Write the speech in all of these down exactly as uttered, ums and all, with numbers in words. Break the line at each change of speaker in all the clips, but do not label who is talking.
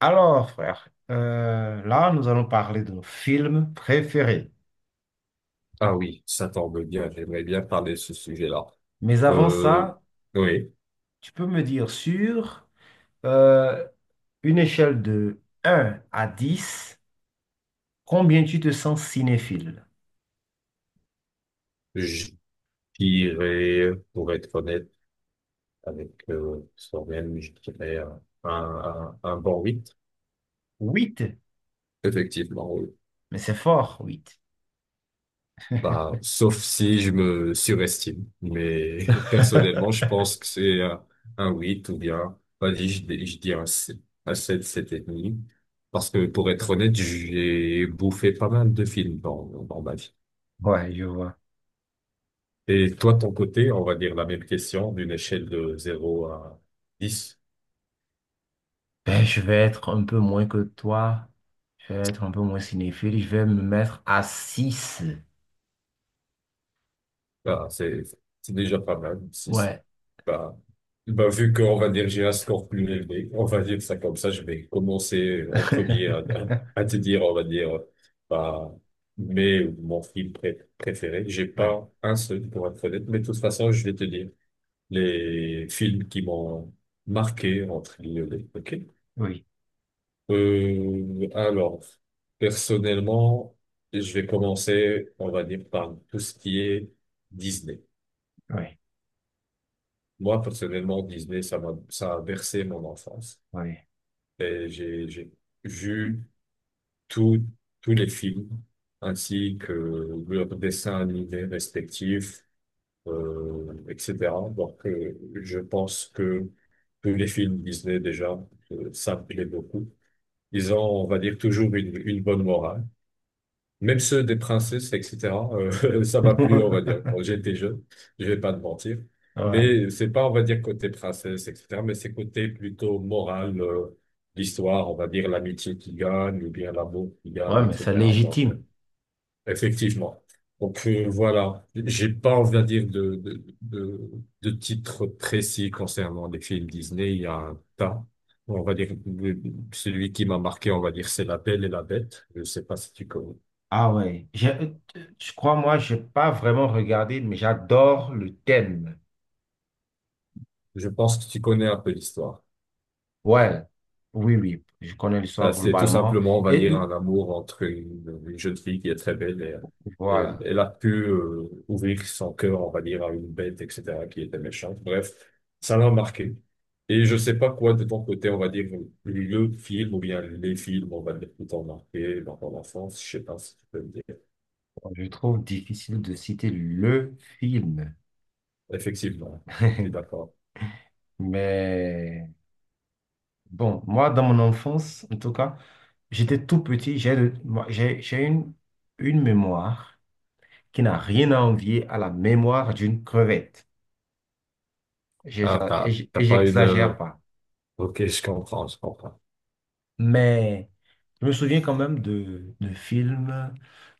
Alors, frère, euh, là, nous allons parler de nos films préférés.
Ah oui, ça tombe bien, j'aimerais bien parler de ce sujet-là.
Mais avant
Euh,
ça,
oui,
tu peux me dire sur euh, une échelle de un à dix, combien tu te sens cinéphile?
je dirais, pour être honnête avec euh, Soren. Je dirais euh, un, un, un bon huit.
Huit,
Effectivement, oui.
mais c'est fort, huit.
Bah, sauf si je me surestime. Mais personnellement, je pense que c'est un, un huit ou bien, vas-y, je, dis- je dis un sept, un sept, sept et demi. Parce que pour être honnête, j'ai bouffé pas mal de films dans, dans ma vie.
Ouais, je vois.
Et toi, de ton côté, on va dire, la même question, d'une échelle de zéro à dix.
Ben, je vais être un peu moins que toi. Je vais être un peu moins cinéphile. Je vais me mettre à six.
Bah, c'est, c'est déjà pas mal, six.
Ouais.
Bah, bah, vu qu'on va dire j'ai un score plus élevé, on va dire ça comme ça, je vais commencer en premier à, à te dire, on va dire, bah, mais mon film pré- préféré, j'ai
Ouais,
pas un seul pour être honnête, mais de toute façon, je vais te dire les films qui m'ont marqué entre guillemets. Ok.
oui,
Euh, alors, personnellement, je vais commencer, on va dire, par tout ce qui est Disney.
oui,
Moi, personnellement, Disney, ça m'a, ça a bercé mon enfance.
oui.
Et j'ai, j'ai vu tous tous les films, ainsi que leurs dessins animés respectifs, euh, et cetera. Donc, euh, je pense que tous les films Disney, déjà, euh, ça me plaît beaucoup. Ils ont, on va dire, toujours une, une bonne morale. Même ceux des princesses, et cetera, euh, ça m'a plu, on va dire. Quand j'étais jeune, je vais pas te mentir.
Ouais.
Mais c'est pas, on va dire, côté princesse, et cetera, mais c'est côté plutôt moral, euh, l'histoire, on va dire, l'amitié qui gagne, ou bien l'amour qui gagne,
Ouais, mais c'est
et cetera. Donc, euh,
légitime.
effectivement. Donc, euh, voilà. J'ai pas, on va dire, de, de, de, de titre précis concernant les films Disney. Il y a un tas. On va dire, le- celui qui m'a marqué, on va dire, c'est La Belle et la Bête. Je sais pas si tu connais.
Ah ouais, j'ai- euh, je crois, moi, j'ai pas vraiment regardé, mais j'adore le thème.
Je pense que tu connais un peu l'histoire.
Ouais, oui, oui, je connais
Enfin,
l'histoire
c'est tout
globalement.
simplement, on va
Et
dire, un amour entre une, une jeune fille qui est très belle. Et elle,
voilà,
elle a pu euh, ouvrir son cœur, on va dire, à une bête, et cetera, qui était méchante. Bref, ça l'a marqué. Et je sais pas quoi de ton côté, on va dire, le film ou bien les films, on va dire, qui t'ont marqué dans ton enfance. Je sais pas si tu peux me dire.
je trouve difficile de citer le film.
Effectivement, je suis d'accord.
Mais bon, moi, dans mon enfance, en tout cas, j'étais tout petit, j'ai le- moi, j'ai j'ai une, une mémoire qui n'a rien à envier à la mémoire d'une crevette. J'ai- j'ai-
Ah,
Et
t'as,
j'-
t'as
et
pas une... euh,
j'exagère pas.
Ok, je comprends, je comprends.
Mais je me souviens quand même de, de films,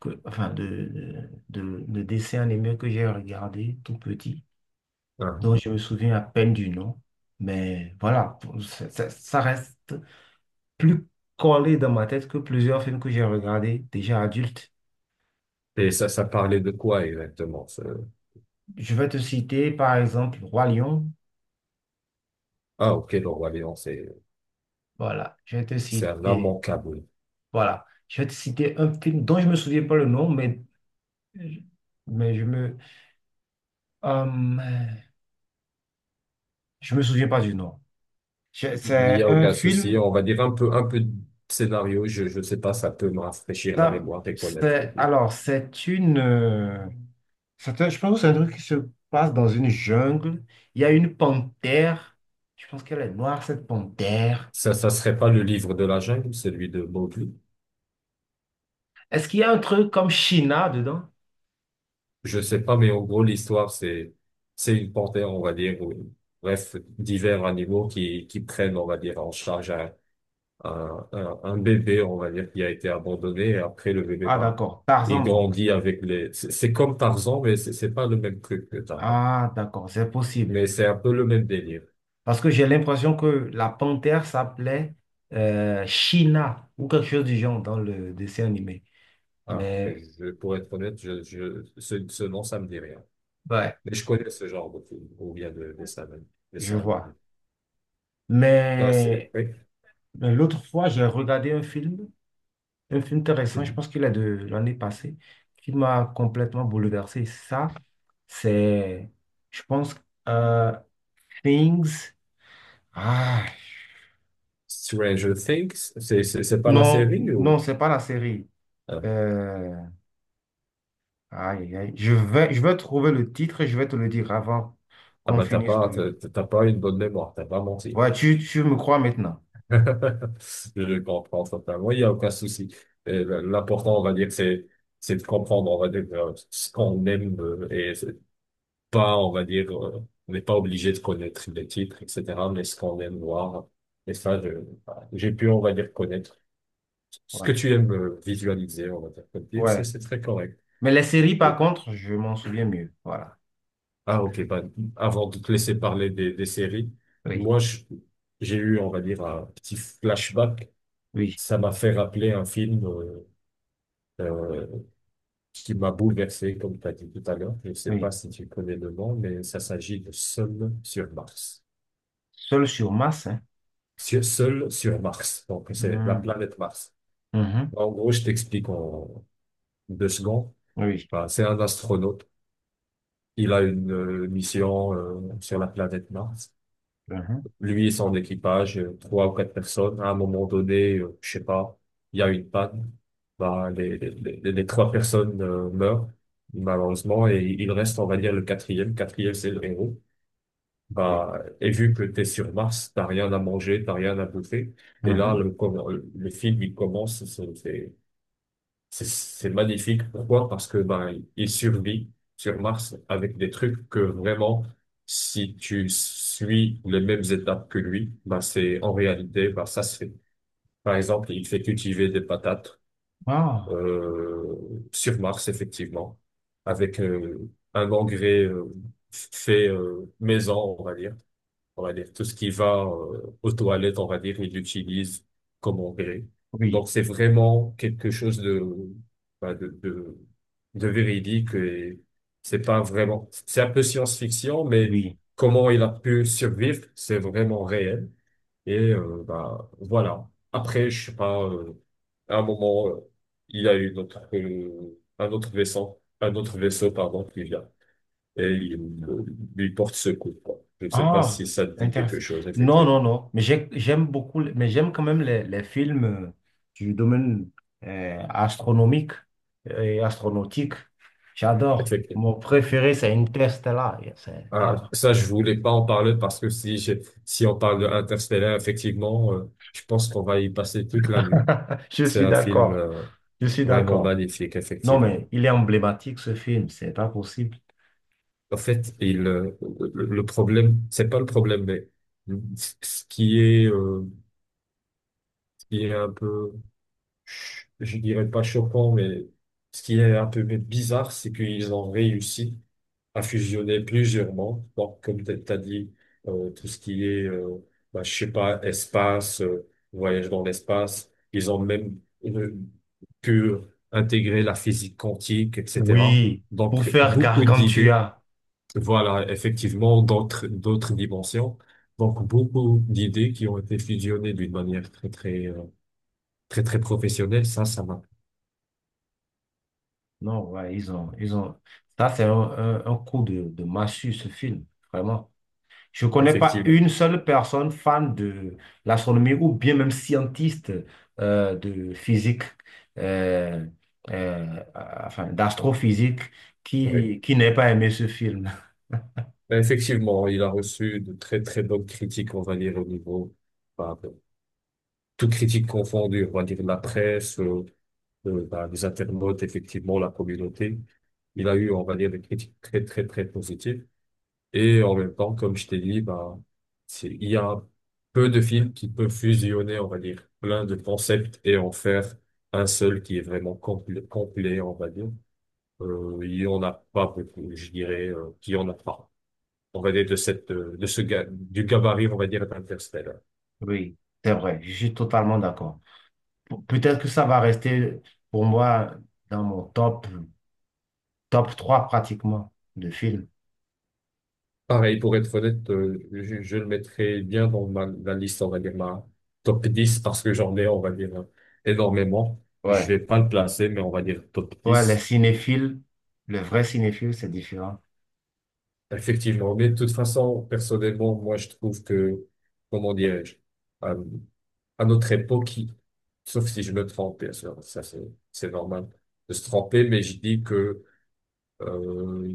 que, enfin de, de, de dessins animés que j'ai regardés tout petit, dont
Hein.
je me souviens à peine du nom. Mais voilà, pour- ça, ça- ça reste plus collé dans ma tête que plusieurs films que j'ai regardés déjà adultes.
Et ça, ça parlait de quoi exactement? Ce...
Je vais te citer par exemple Roi Lion.
Ah, ok, le Roi Lion, c'est,
Voilà, je vais te
c'est un
citer,
immanquable.
voilà, je vais te citer un film dont je me souviens pas le nom, mais, mais je me, euh, je me souviens pas du nom. Je-
Il y
C'est
a
un
aucun souci.
film.
On va dire un peu, un peu de scénario. Je, je sais pas, ça peut me rafraîchir la
Ça-
mémoire et connaître le
c'est,
livre.
alors, c'est une. Euh, c'est un- Je pense que c'est un truc qui se passe dans une jungle. Il y a une panthère. Je pense qu'elle est noire, cette panthère.
Ça, ça serait pas le livre de la jungle, celui de Mowgli.
Est-ce qu'il y a un truc comme China dedans?
Je sais pas, mais en gros, l'histoire, c'est, c'est une panthère, on va dire, ou, bref, divers animaux qui, qui prennent, on va dire, en charge un, un, un, un bébé, on va dire, qui a été abandonné. Et après, le bébé,
Ah,
ben,
d'accord.
il
Tarzan, donc.
grandit avec les, c'est c'est comme Tarzan, mais c'est c'est pas le même truc que Tarzan.
Ah, d'accord. C'est possible.
Mais c'est un peu le même délire.
Parce que j'ai l'impression que la panthère s'appelait euh, China ou quelque chose du genre dans le dessin animé.
Ah,
Mais,
je, pour être honnête, je, je, ce, ce nom, ça me dit rien.
ouais,
Mais je connais ce genre de film, ou bien de, de ça même, de
je
ça même.
vois.
Ah, c'est,
Mais.
oui.
Ben, l'autre fois, j'ai regardé un film, un film intéressant, je
Mhm.
pense qu'il est de l'année passée, qui m'a complètement bouleversé. Ça, c'est, je pense, euh, Things. Ah,
Stranger Things, c'est, c'est, c'est pas la
non,
série
non,
ou?
c'est pas la série.
Ah.
Euh, Aïe, aïe, aïe. Je vais, je vais trouver le titre et je vais te le dire avant
Ah
qu'on
bah, t'as
finisse
pas, t'as
de...
t'as pas une bonne mémoire, t'as pas menti.
Ouais, tu, tu me crois maintenant.
Je le comprends totalement, il n'y a aucun souci. Euh, L'important, on va dire, c'est, c'est de comprendre, on va dire, euh, ce qu'on aime euh, et pas, on va dire, euh, on n'est pas obligé de connaître les titres, et cetera, mais ce qu'on aime voir. Et ça, je- voilà, j'ai pu, on va dire, connaître ce que
Ouais,
tu aimes euh, visualiser, on va dire, comme film, c'est
ouais.
c'est très correct.
Mais les séries,
Oui.
par contre, je m'en souviens mieux. Voilà.
Ah, ok, bah, avant de te laisser parler des, des séries,
Oui,
moi, je- j'ai eu, on va dire, un petit flashback.
oui,
Ça m'a fait rappeler un film euh, euh, qui m'a bouleversé, comme tu as dit tout à l'heure. Je ne sais
oui.
pas si tu connais le nom, mais ça s'agit de Seul sur Mars.
Seul sur Mars, hein.
sur- Seul sur Mars. Donc, c'est la
Hmm.
planète Mars.
Mhm.
Bah, en gros, je t'explique en deux secondes.
Oui.
Enfin, c'est un astronaute. Il a une euh, mission euh, sur la planète Mars.
Mhm.
Lui et son équipage, euh, trois ou quatre personnes. À un moment donné, euh, je sais pas, il y a une panne. Bah, les, les, les- les trois personnes euh, meurent, malheureusement, et il reste, on va dire, le quatrième. Quatrième, c'est le héros.
Oui.
Bah, et vu que t'es sur Mars, t'as rien à manger, t'as rien à bouffer. Et là,
Mhm.
le, com- le film, il commence, c'est c'est- c'est- c'est magnifique. Pourquoi? Parce que bah, il survit sur Mars avec des trucs que vraiment, si tu suis les mêmes étapes que lui, bah, c'est en réalité, bah, ça se fait. Par exemple, il fait cultiver des patates
Ah,
euh, sur Mars, effectivement, avec euh, un engrais euh, fait euh, maison, on va dire on va dire, tout ce qui va euh, aux toilettes, on va dire, ils l'utilisent comme engrais.
oui,
Donc, c'est vraiment quelque chose de, bah, de, de, de véridique. Et c'est pas vraiment, c'est un peu science-fiction, mais
oui.
comment il a pu survivre, c'est vraiment réel. Et euh, bah, voilà. Après, je sais pas, euh, à un moment, euh, il y a eu notre, euh, un autre vaisseau, un autre vaisseau, pardon, qui vient et il, il porte secours, quoi. Je ne sais pas si
Ah,
ça te dit quelque
intéressant.
chose,
Non, non,
effectivement.
non. Mais j'ai- j'aime beaucoup, mais j'aime quand même les, les films euh, du domaine euh, astronomique euh, et astronautique. J'adore.
Effectivement.
Mon préféré, c'est Interstellar. Yeah, c'est-
Ah,
yeah.
ça, je voulais pas en parler parce que si j'ai- si on parle de Interstellar, effectivement, euh, je pense qu'on va y passer toute la nuit.
Je
C'est
suis
un film,
d'accord.
euh,
Je suis
vraiment
d'accord.
magnifique,
Non,
effectivement.
mais il est emblématique, ce film. C'est pas possible.
En fait, il, euh, le le problème, c'est pas le problème, mais ce qui est, euh, ce qui est un peu ch- je dirais pas choquant, mais ce qui est un peu bizarre, c'est qu'ils ont réussi à fusionner plusieurs mondes. Donc, comme tu as dit, euh, tout ce qui est, euh, bah, je sais pas, espace, euh, voyage dans l'espace, ils ont même euh, pu intégrer la physique quantique, et cetera.
Oui, pour
Donc,
faire
beaucoup d'idées,
Gargantua.
voilà, effectivement, d'autres, d'autres dimensions. Donc, beaucoup d'idées qui ont été fusionnées d'une manière très, très, euh, très, très professionnelle. Ça, ça m'a
Non, ouais, ils ont, Ils ont. Ça, c'est un, un, un coup de, de massue, ce film, vraiment. Je ne connais pas
effectivement,
une seule personne fan de l'astronomie ou bien même scientiste euh, de physique, euh, euh, enfin, d'astrophysique
oui.
qui, qui n'ait pas aimé ce film.
Ben, effectivement, il a reçu de très très bonnes critiques, on va dire, au niveau, bah, de- toutes critiques confondues, on va dire la presse, euh, euh, bah, les internautes, effectivement, la communauté. Il a eu, on va dire, des critiques très très très positives. Et en même temps, comme je t'ai dit, bah, c'est- il y a peu de films qui peuvent fusionner, on va dire, plein de concepts et en faire un seul qui est vraiment complet, complet, on va dire. Euh, il y en a pas beaucoup, je dirais, euh, qu'il y en a pas. On va dire, de cette, euh, de ce, ga- du gabarit, on va dire, d'Interstellar.
Oui, c'est vrai, je suis totalement d'accord. Pe- Peut-être que ça va rester pour moi dans mon top, top trois pratiquement de films.
Pareil, pour être honnête, euh, je, je le mettrais bien dans ma, la liste, on va dire, ma top dix parce que j'en ai, on va dire, euh, énormément. Je
Ouais.
vais pas le placer, mais on va dire top
Ouais, les
dix.
cinéphiles, le vrai cinéphile, c'est différent.
Effectivement. Mais de toute façon, personnellement, moi, je trouve que, comment dirais-je, euh, à notre époque, il- sauf si je me trompe, bien sûr, ça, c'est, c'est normal de se tromper, mais je dis que, Euh,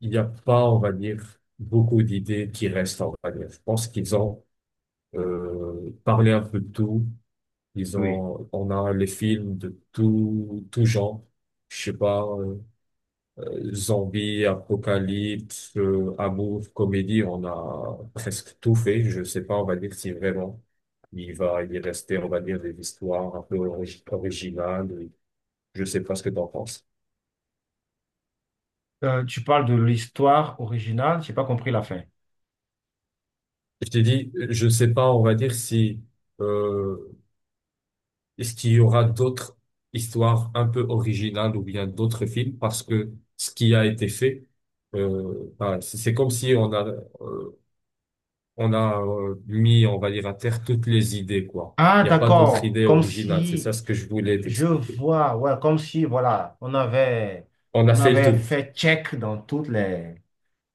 il n'y a pas, on va dire, beaucoup d'idées qui restent, on va dire. Je pense qu'ils ont euh, parlé un peu de tout. Ils
Oui.
ont, on a les films de tout, tout genre. Je sais pas, euh, euh, zombie, apocalypse, euh, amour, comédie, on a presque tout fait. Je sais pas, on va dire, si vraiment il va y rester, on va dire, des histoires un peu origi- originales. Je sais pas ce que t'en penses.
Euh, tu parles de l'histoire originale, j'ai pas compris la fin.
Je t'ai dit, je sais pas, on va dire si euh, est-ce qu'il y aura d'autres histoires un peu originales ou bien d'autres films? Parce que ce qui a été fait, euh, ben, c'est c'est comme si on a, euh, on a euh, mis, on va dire, à terre toutes les idées, quoi.
Ah,
Il n'y a pas d'autres
d'accord.
idées
Comme
originales. C'est
si
ça ce que je voulais
je
t'expliquer.
vois, ouais, comme si, voilà, on avait,
On a
On
fait le
avait
tour,
fait check dans toutes les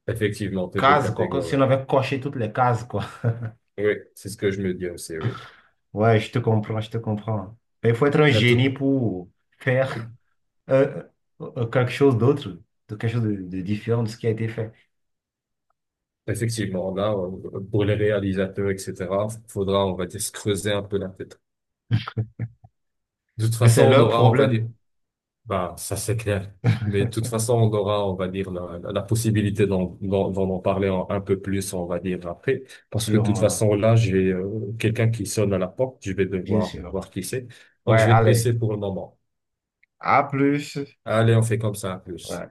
effectivement, toutes les
cases, quoi. Comme si
catégories.
on avait coché toutes les cases, quoi.
Oui, c'est ce que je me dis aussi, oui.
Ouais, je te comprends, je te comprends. Mais il faut être un
Ben,
génie
tout-
pour faire euh, euh, quelque chose d'autre, de quelque chose de, de différent de ce qui a été fait.
Effectivement, là, euh, pour les réalisateurs, et cetera, faudra, on va dire, se creuser un peu la tête. De toute
Mais
façon,
c'est
on
leur
aura, on va dire,
problème,
bah, ça c'est clair. Mais de toute façon, on aura, on va dire, la, la, la possibilité d'en d'en d'en en parler en- un peu plus, on va dire, après. Parce que de toute
sûrement,
façon, là, j'ai euh, quelqu'un qui sonne à la porte. Je vais
bien
devoir
sûr.
voir qui c'est. Donc,
Ouais,
je vais te
allez,
laisser pour le moment.
à plus.
Allez, on fait comme ça, à plus.
Ouais.